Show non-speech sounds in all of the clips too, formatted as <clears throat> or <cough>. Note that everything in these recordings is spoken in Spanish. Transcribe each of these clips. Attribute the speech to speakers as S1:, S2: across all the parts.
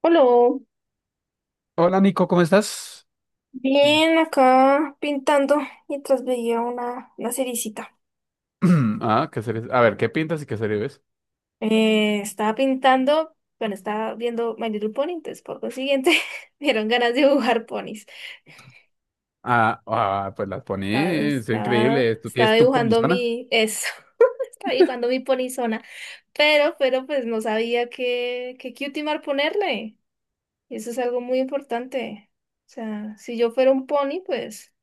S1: Hola.
S2: Hola Nico, ¿cómo estás? <clears throat>
S1: Bien, acá pintando mientras veía una seriecita.
S2: Ah, ¿qué series? A ver, ¿qué pintas y qué series ves?
S1: Estaba pintando, bueno, estaba viendo My Little Pony, entonces por consiguiente <laughs> me dieron ganas de dibujar ponis.
S2: Ah, ah, pues las
S1: Estaba,
S2: pones, es increíble.
S1: estaba,
S2: ¿Tú
S1: estaba
S2: tienes tu
S1: dibujando
S2: ponizona?
S1: mi, eso, <laughs> estaba dibujando mi ponizona, pero pues no sabía qué cutimar ponerle. Y eso es algo muy importante. O sea, si yo fuera un pony, pues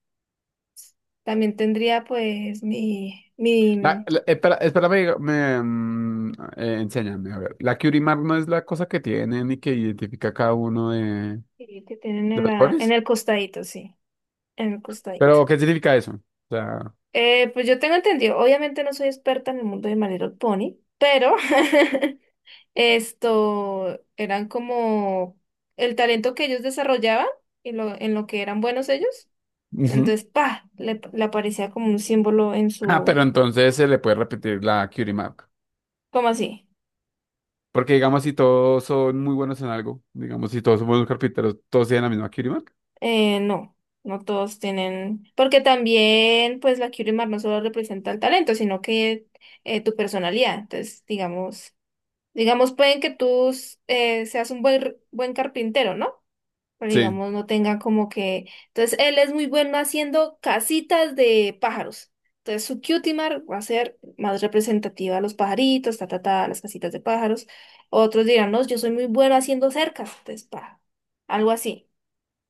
S1: también tendría pues mi, mi
S2: Espera, espérame, enséñame, a ver. ¿La Curie Mark no es la cosa que tienen y que identifica cada uno de
S1: sí, que tienen en
S2: los ponis?
S1: el costadito, sí, en el costadito.
S2: ¿Pero qué significa eso? O sea,
S1: Pues yo tengo entendido, obviamente no soy experta en el mundo de My Little Pony, pero <laughs> esto eran como el talento que ellos desarrollaban y lo que eran buenos ellos.
S2: ujú.
S1: Entonces, pa, le aparecía como un símbolo en
S2: Ah,
S1: su,
S2: pero entonces se le puede repetir la Curie Mark.
S1: ¿cómo así?
S2: Porque digamos si todos son muy buenos en algo, digamos si todos son buenos carpinteros, todos tienen la misma Curie Mark.
S1: Eh, no, no todos tienen, porque también pues la Curie Mar no solo representa el talento, sino que tu personalidad. Entonces, digamos. Digamos, pueden que tú seas un buen carpintero, ¿no? Pero
S2: Sí,
S1: digamos, no tenga como que... Entonces, él es muy bueno haciendo casitas de pájaros. Entonces, su cutimar va a ser más representativa a los pajaritos, ta, ta, ta, las casitas de pájaros. Otros dirán, no, yo soy muy bueno haciendo cercas. Entonces, pa, algo así.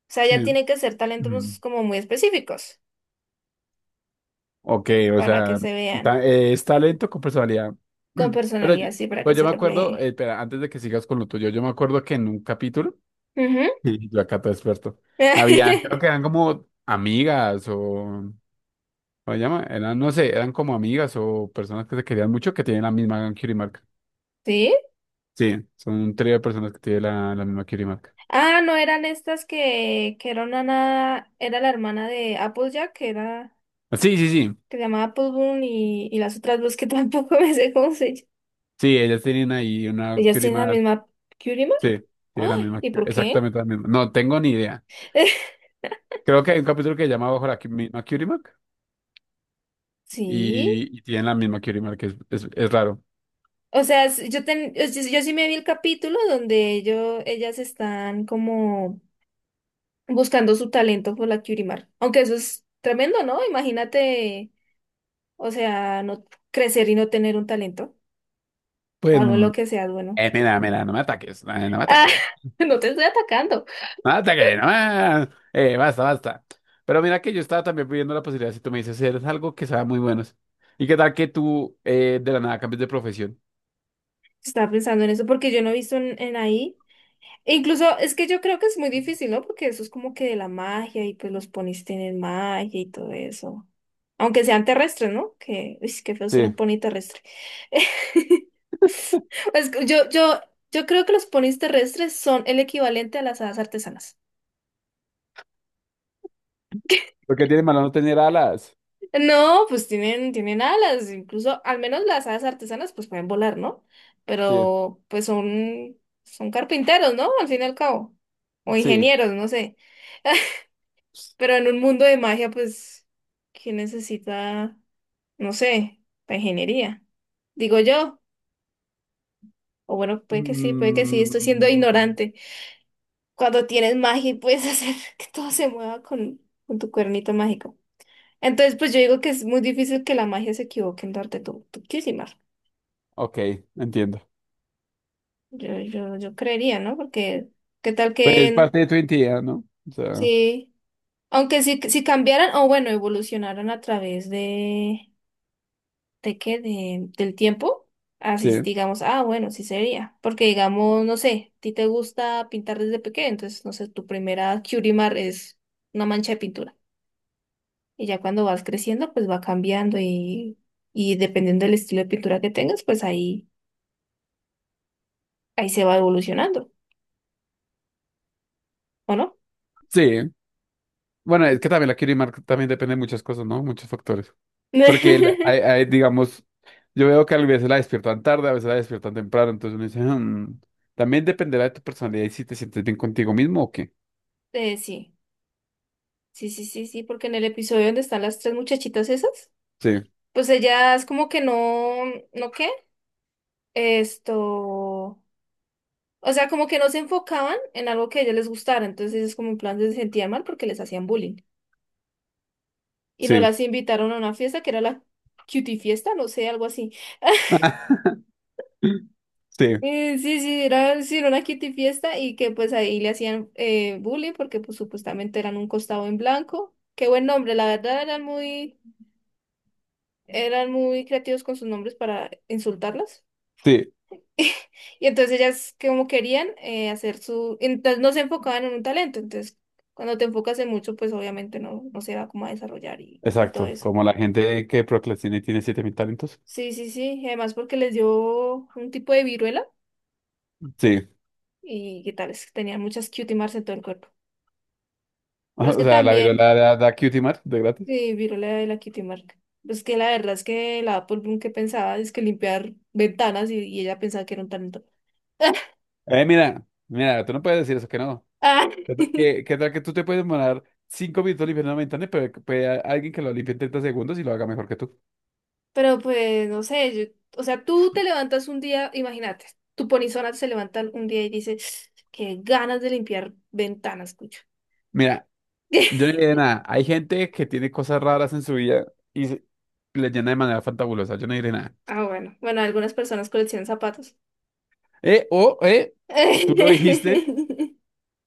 S1: O sea, ya
S2: sí.
S1: tiene que ser
S2: Ujú.
S1: talentos como muy específicos
S2: Ok, o
S1: para que
S2: sea,
S1: se vean
S2: es talento con personalidad.
S1: con
S2: <clears throat> Pero,
S1: personalidad, sí, para que
S2: pero yo
S1: se
S2: me acuerdo,
S1: refleje.
S2: espera, antes de que sigas con lo tuyo, yo me acuerdo que en un capítulo,
S1: Ujú.
S2: <laughs> y yo acá todo experto, había, creo que eran
S1: <laughs>
S2: como ¿cómo se llama? Eran, no sé, eran como amigas o personas que se querían mucho que tienen la misma Mark.
S1: Sí.
S2: Sí, son un trío de personas que tienen la misma Mark.
S1: Ah, no eran estas que era una nada, era la hermana de Applejack, que era,
S2: Sí, sí, sí,
S1: que se llamaba Appleboom y las otras dos que tampoco <laughs> me sé cómo se llaman.
S2: sí, ellas tienen ahí una
S1: ¿Ellas tienen la
S2: Mark.
S1: misma Curimar?
S2: Sí, tienen la
S1: Ay,
S2: misma,
S1: ¿y por qué?
S2: exactamente la misma. No tengo ni idea.
S1: <laughs>
S2: Creo que hay un capítulo que se llama Bajo la misma Curie Mark
S1: Sí.
S2: y tienen la misma Curie Mark, es raro.
S1: O sea, s- yo, ten- yo, sí yo sí me vi el capítulo donde ello- ellas están como buscando su talento por la Curimar. Aunque eso es tremendo, ¿no? Imagínate, o sea, no crecer y no tener un talento. O
S2: Pues,
S1: algo en lo que seas, bueno.
S2: mira, mira, no me ataques, no me
S1: Ah,
S2: ataques,
S1: <laughs> no te estoy atacando.
S2: no me ataques, no me- basta, basta. Pero mira que yo estaba también pidiendo la posibilidad, si tú me dices, eres algo que sabe muy buenos. ¿Y qué tal que tú de la nada cambies de profesión?
S1: Estaba pensando en eso porque yo no he visto en ahí. E incluso es que yo creo que es muy difícil, ¿no? Porque eso es como que de la magia y pues los ponis tienen magia y todo eso. Aunque sean terrestres, ¿no? Que, uy, qué feo ser
S2: Sí.
S1: un pony terrestre. <laughs> Es que yo creo que los ponis terrestres son el equivalente a las hadas artesanas.
S2: Porque tiene malo no tener alas.
S1: No, pues tienen, tienen alas, incluso al menos las alas artesanas pues pueden volar, ¿no?
S2: Sí,
S1: Pero pues son, son carpinteros, ¿no? Al fin y al cabo. O
S2: sí.
S1: ingenieros, no sé. <laughs> Pero en un mundo de magia, pues, ¿quién necesita, no sé, la ingeniería? Digo yo. O bueno, puede que sí, estoy siendo
S2: Mm,
S1: ignorante. Cuando tienes magia y puedes hacer <laughs> que todo se mueva con tu cuernito mágico. Entonces, pues yo digo que es muy difícil que la magia se equivoque en darte tu Kizimar.
S2: ok, entiendo.
S1: Yo creería, ¿no? Porque qué tal
S2: Pues es
S1: que
S2: parte de tu identidad, ¿no? O sea,
S1: sí, aunque si cambiaran, o bueno, evolucionaran a través ¿de qué? De, del tiempo, así
S2: sí,
S1: digamos, ah, bueno, sí sería. Porque digamos, no sé, a ti te gusta pintar desde pequeño, entonces, no sé, tu primera Curimar es una mancha de pintura. Y ya cuando vas creciendo, pues va cambiando y dependiendo del estilo de pintura que tengas, pues ahí, ahí se va evolucionando, ¿o no?
S2: sí. Bueno, es que también la Kirimark también depende de muchas cosas, ¿no? Muchos factores. Porque,
S1: <laughs>
S2: hay, digamos, yo veo que a veces la despiertan tarde, a veces la despiertan temprano, entonces uno dice, "Hmm, también dependerá de tu personalidad y si te sientes bien contigo mismo o qué".
S1: Sí. Sí, sí, sí, sí, porque en el episodio donde están las tres muchachitas esas,
S2: Sí,
S1: pues ellas como que no, ¿no qué? Esto, o sea, como que no se enfocaban en algo que a ellas les gustara, entonces es como en plan se sentían mal porque les hacían bullying. Y no
S2: sí.
S1: las invitaron a una fiesta que era la cutie fiesta, no sé, algo así. <laughs>
S2: <laughs> Sí,
S1: Sí, sí, era una cutie fiesta y que pues ahí le hacían bullying porque pues supuestamente eran un costado en blanco. Qué buen nombre, la verdad eran muy creativos con sus nombres para insultarlas.
S2: sí,
S1: <laughs> Y entonces ellas como querían hacer su, entonces no se enfocaban en un talento, entonces cuando te enfocas en mucho, pues obviamente no, no se va como a desarrollar y todo
S2: exacto.
S1: eso.
S2: Como la gente que procrastina y tiene 7.000 talentos.
S1: Sí, sí, sí, y además porque les dio un tipo de viruela
S2: Sí.
S1: y qué tal, es que tenían muchas cutie marks en todo el cuerpo.
S2: <laughs>
S1: Pero es
S2: O
S1: que
S2: sea, la
S1: también,
S2: virola da, da cutie mark de gratis.
S1: viruela de la cutie mark, pues que la verdad es que la Apple Bloom que pensaba es que limpiar ventanas y ella pensaba que era un talento.
S2: Mira, mira, tú no puedes decir eso que no.
S1: Ah. <laughs>
S2: ¿Qué tal que tú te puedes demorar cinco minutos limpiando una ventana, pero que puede alguien que lo limpie en treinta segundos y lo haga mejor que tú?
S1: Pero pues, no sé, yo- o sea, tú te levantas un día, imagínate, tu polizona se levanta un día y dice, qué ganas de limpiar ventanas, cucho.
S2: Mira, yo no diré
S1: <laughs>
S2: nada. Hay gente que tiene cosas raras en su vida y se- le llena de manera fantabulosa. Yo no diré nada.
S1: Ah, bueno, bueno, algunas personas coleccionan zapatos.
S2: Eh, o, eh, tú lo dijiste.
S1: <laughs>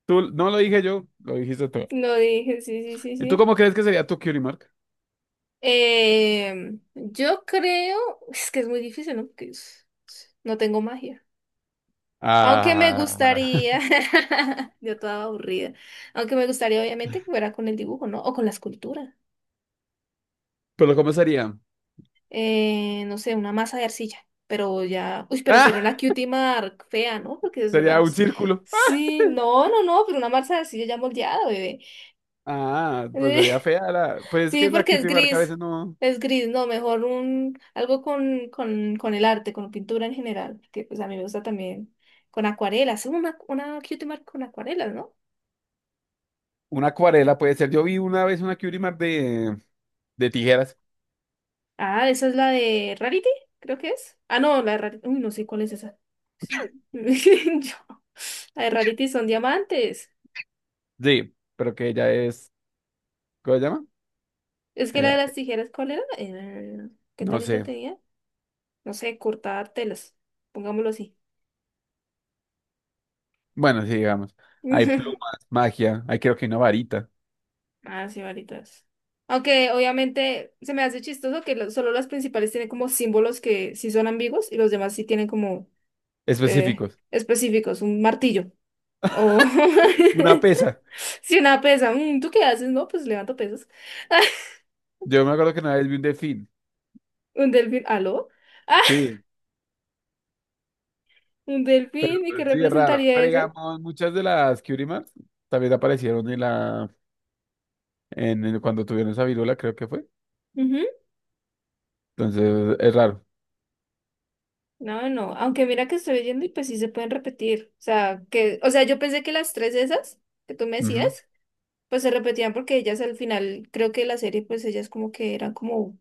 S2: No lo dije yo, lo dijiste tú.
S1: No dije, sí, sí, sí,
S2: ¿Y tú
S1: sí.
S2: cómo crees que sería tu cutie mark?
S1: Yo creo, es que es muy difícil, ¿no? Porque es- no tengo magia. Aunque me
S2: Ah,
S1: gustaría,
S2: <laughs>
S1: <laughs> yo toda aburrida, aunque me gustaría obviamente que fuera con el dibujo, ¿no? O con la escultura.
S2: pero ¿cómo sería?
S1: No sé, una masa de arcilla, pero ya, uy, pero sería una
S2: Ah,
S1: cutie mark fea, ¿no? Porque es una...
S2: sería un
S1: arc-
S2: círculo.
S1: Sí, no, no, no, pero una masa de arcilla ya moldeada, bebé.
S2: Ah, pues sería
S1: <laughs>
S2: fea la, pues es
S1: Sí,
S2: que la
S1: porque
S2: cutie mark a veces no.
S1: es gris, no, mejor un, algo con el arte, con pintura en general, que pues a mí me gusta también, con acuarelas, sí, una cutie mark con acuarelas, ¿no?
S2: Una acuarela puede ser. Yo vi una vez una Curimar de tijeras.
S1: Ah, esa es la de Rarity, creo que es. Ah, no, la de Rarity, uy, no sé cuál es esa. <laughs> Yo- La de Rarity son diamantes.
S2: Sí, pero que ella es. ¿Cómo se llama?
S1: Es que la de
S2: Ella-
S1: las tijeras, ¿cuál era? ¿Qué
S2: no
S1: talento
S2: sé.
S1: tenía? No sé, cortar telas, pongámoslo así.
S2: Bueno, sí, digamos. Hay
S1: <laughs>
S2: plumas, magia, hay creo que una varita.
S1: Ah, sí, varitas. Aunque obviamente se me hace chistoso que lo- solo las principales tienen como símbolos que sí son ambiguos y los demás sí tienen como
S2: Específicos.
S1: específicos, un martillo o
S2: Una
S1: <laughs>
S2: pesa.
S1: si una pesa, "Mm, ¿tú qué haces? No, pues levanto pesas." <laughs>
S2: Yo me acuerdo que una vez vi un delfín.
S1: Un delfín, ¿aló?
S2: Sí,
S1: <laughs> Un
S2: pero
S1: delfín, ¿y qué
S2: pues, sí, es raro.
S1: representaría
S2: Pero
S1: eso?
S2: digamos, muchas de las Curimars también aparecieron en la. Cuando tuvieron esa viruela, creo que fue. Entonces, es raro.
S1: No, no, aunque mira que estoy leyendo y pues sí se pueden repetir. O sea, que, o sea, yo pensé que las tres esas que tú me decías,
S2: Ujú.
S1: pues se repetían porque ellas al final, creo que la serie, pues ellas como que eran como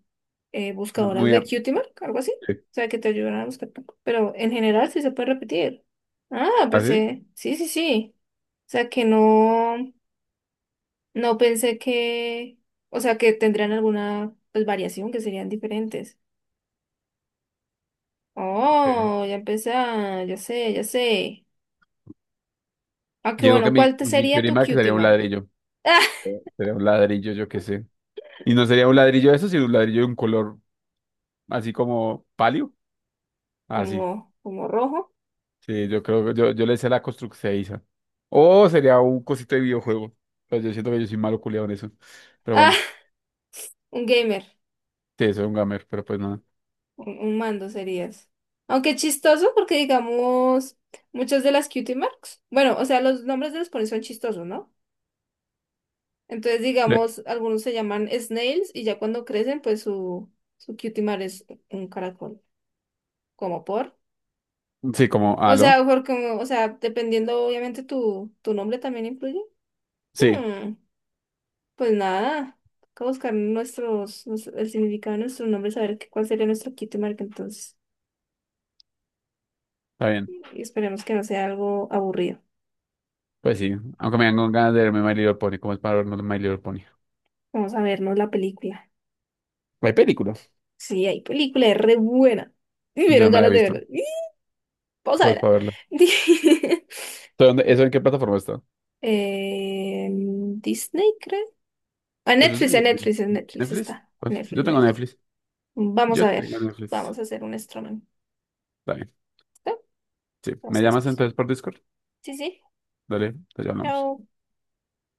S2: Ah,
S1: buscadoras
S2: Muy.
S1: de
S2: am-
S1: cutie mark, algo así.
S2: sí.
S1: O sea, que te ayudan a buscar tu- Pero en general sí se puede repetir. Ah,
S2: ¿Ah, sí?
S1: pensé, sí, sí, sí. O sea, que no, no pensé que, o sea, que tendrían alguna pues, variación, que serían diferentes.
S2: Ok.
S1: Oh, ya empecé, a- ya sé, ya sé.
S2: Yo
S1: Aunque
S2: digo que
S1: bueno, ¿cuál te
S2: mi
S1: sería tu
S2: Curimar que
S1: cutie
S2: sería un
S1: mark?
S2: ladrillo.
S1: <laughs> ¡Ah!
S2: Sería un ladrillo, yo qué sé. Y no sería un ladrillo de eso, sino un ladrillo de un color así como palio. Así.
S1: Como, como rojo.
S2: Sí, yo creo que yo le sé la construcción. O sería un cosito de videojuego. Pero yo siento que yo soy malo culiado en eso. Pero
S1: Ah,
S2: bueno,
S1: un gamer.
S2: sí, soy un gamer, pero pues nada.
S1: Un mando serías. Aunque chistoso porque digamos, muchas de las cutie marks. Bueno, o sea, los nombres de los ponis son chistosos, ¿no? Entonces,
S2: Le-
S1: digamos, algunos se llaman snails y ya cuando crecen, pues su cutie mark es un caracol. Como por.
S2: Sí, como,
S1: O
S2: ¿aló?
S1: sea, porque, o sea, dependiendo, obviamente, tu nombre también influye.
S2: Sí,
S1: Hmm. Pues nada, toca buscar nuestros, nos- el significado de nuestro nombre, saber qué- cuál sería nuestro kit marca entonces.
S2: está bien.
S1: Y esperemos que no sea algo aburrido.
S2: Pues sí, aunque me dan con ganas de verme My Little Pony. ¿Cómo es para verme My Little Pony?
S1: Vamos a vernos la película.
S2: Hay películas.
S1: Sí, hay película, es re buena. <laughs> Me
S2: Yo no
S1: dieron
S2: me la he
S1: ganas de verla.
S2: visto.
S1: <laughs> ¡Y! Vamos a
S2: ¿Cómo es
S1: verla.
S2: para verla?
S1: <laughs>
S2: ¿Eso en qué plataforma está?
S1: Disney, creo.
S2: ¿Eso es
S1: A
S2: de-
S1: Netflix, en Netflix
S2: Netflix?
S1: está.
S2: Pues
S1: Netflix,
S2: yo tengo
S1: Netflix.
S2: Netflix.
S1: Vamos
S2: Yo
S1: a ver.
S2: tengo Netflix.
S1: Vamos a hacer un streaming.
S2: Está bien.
S1: ¿Listo?
S2: Sí. ¿Me
S1: Vamos a
S2: llamas
S1: discutir.
S2: entonces por Discord?
S1: Sí, sí.
S2: Dale, te llamamos.
S1: Chao.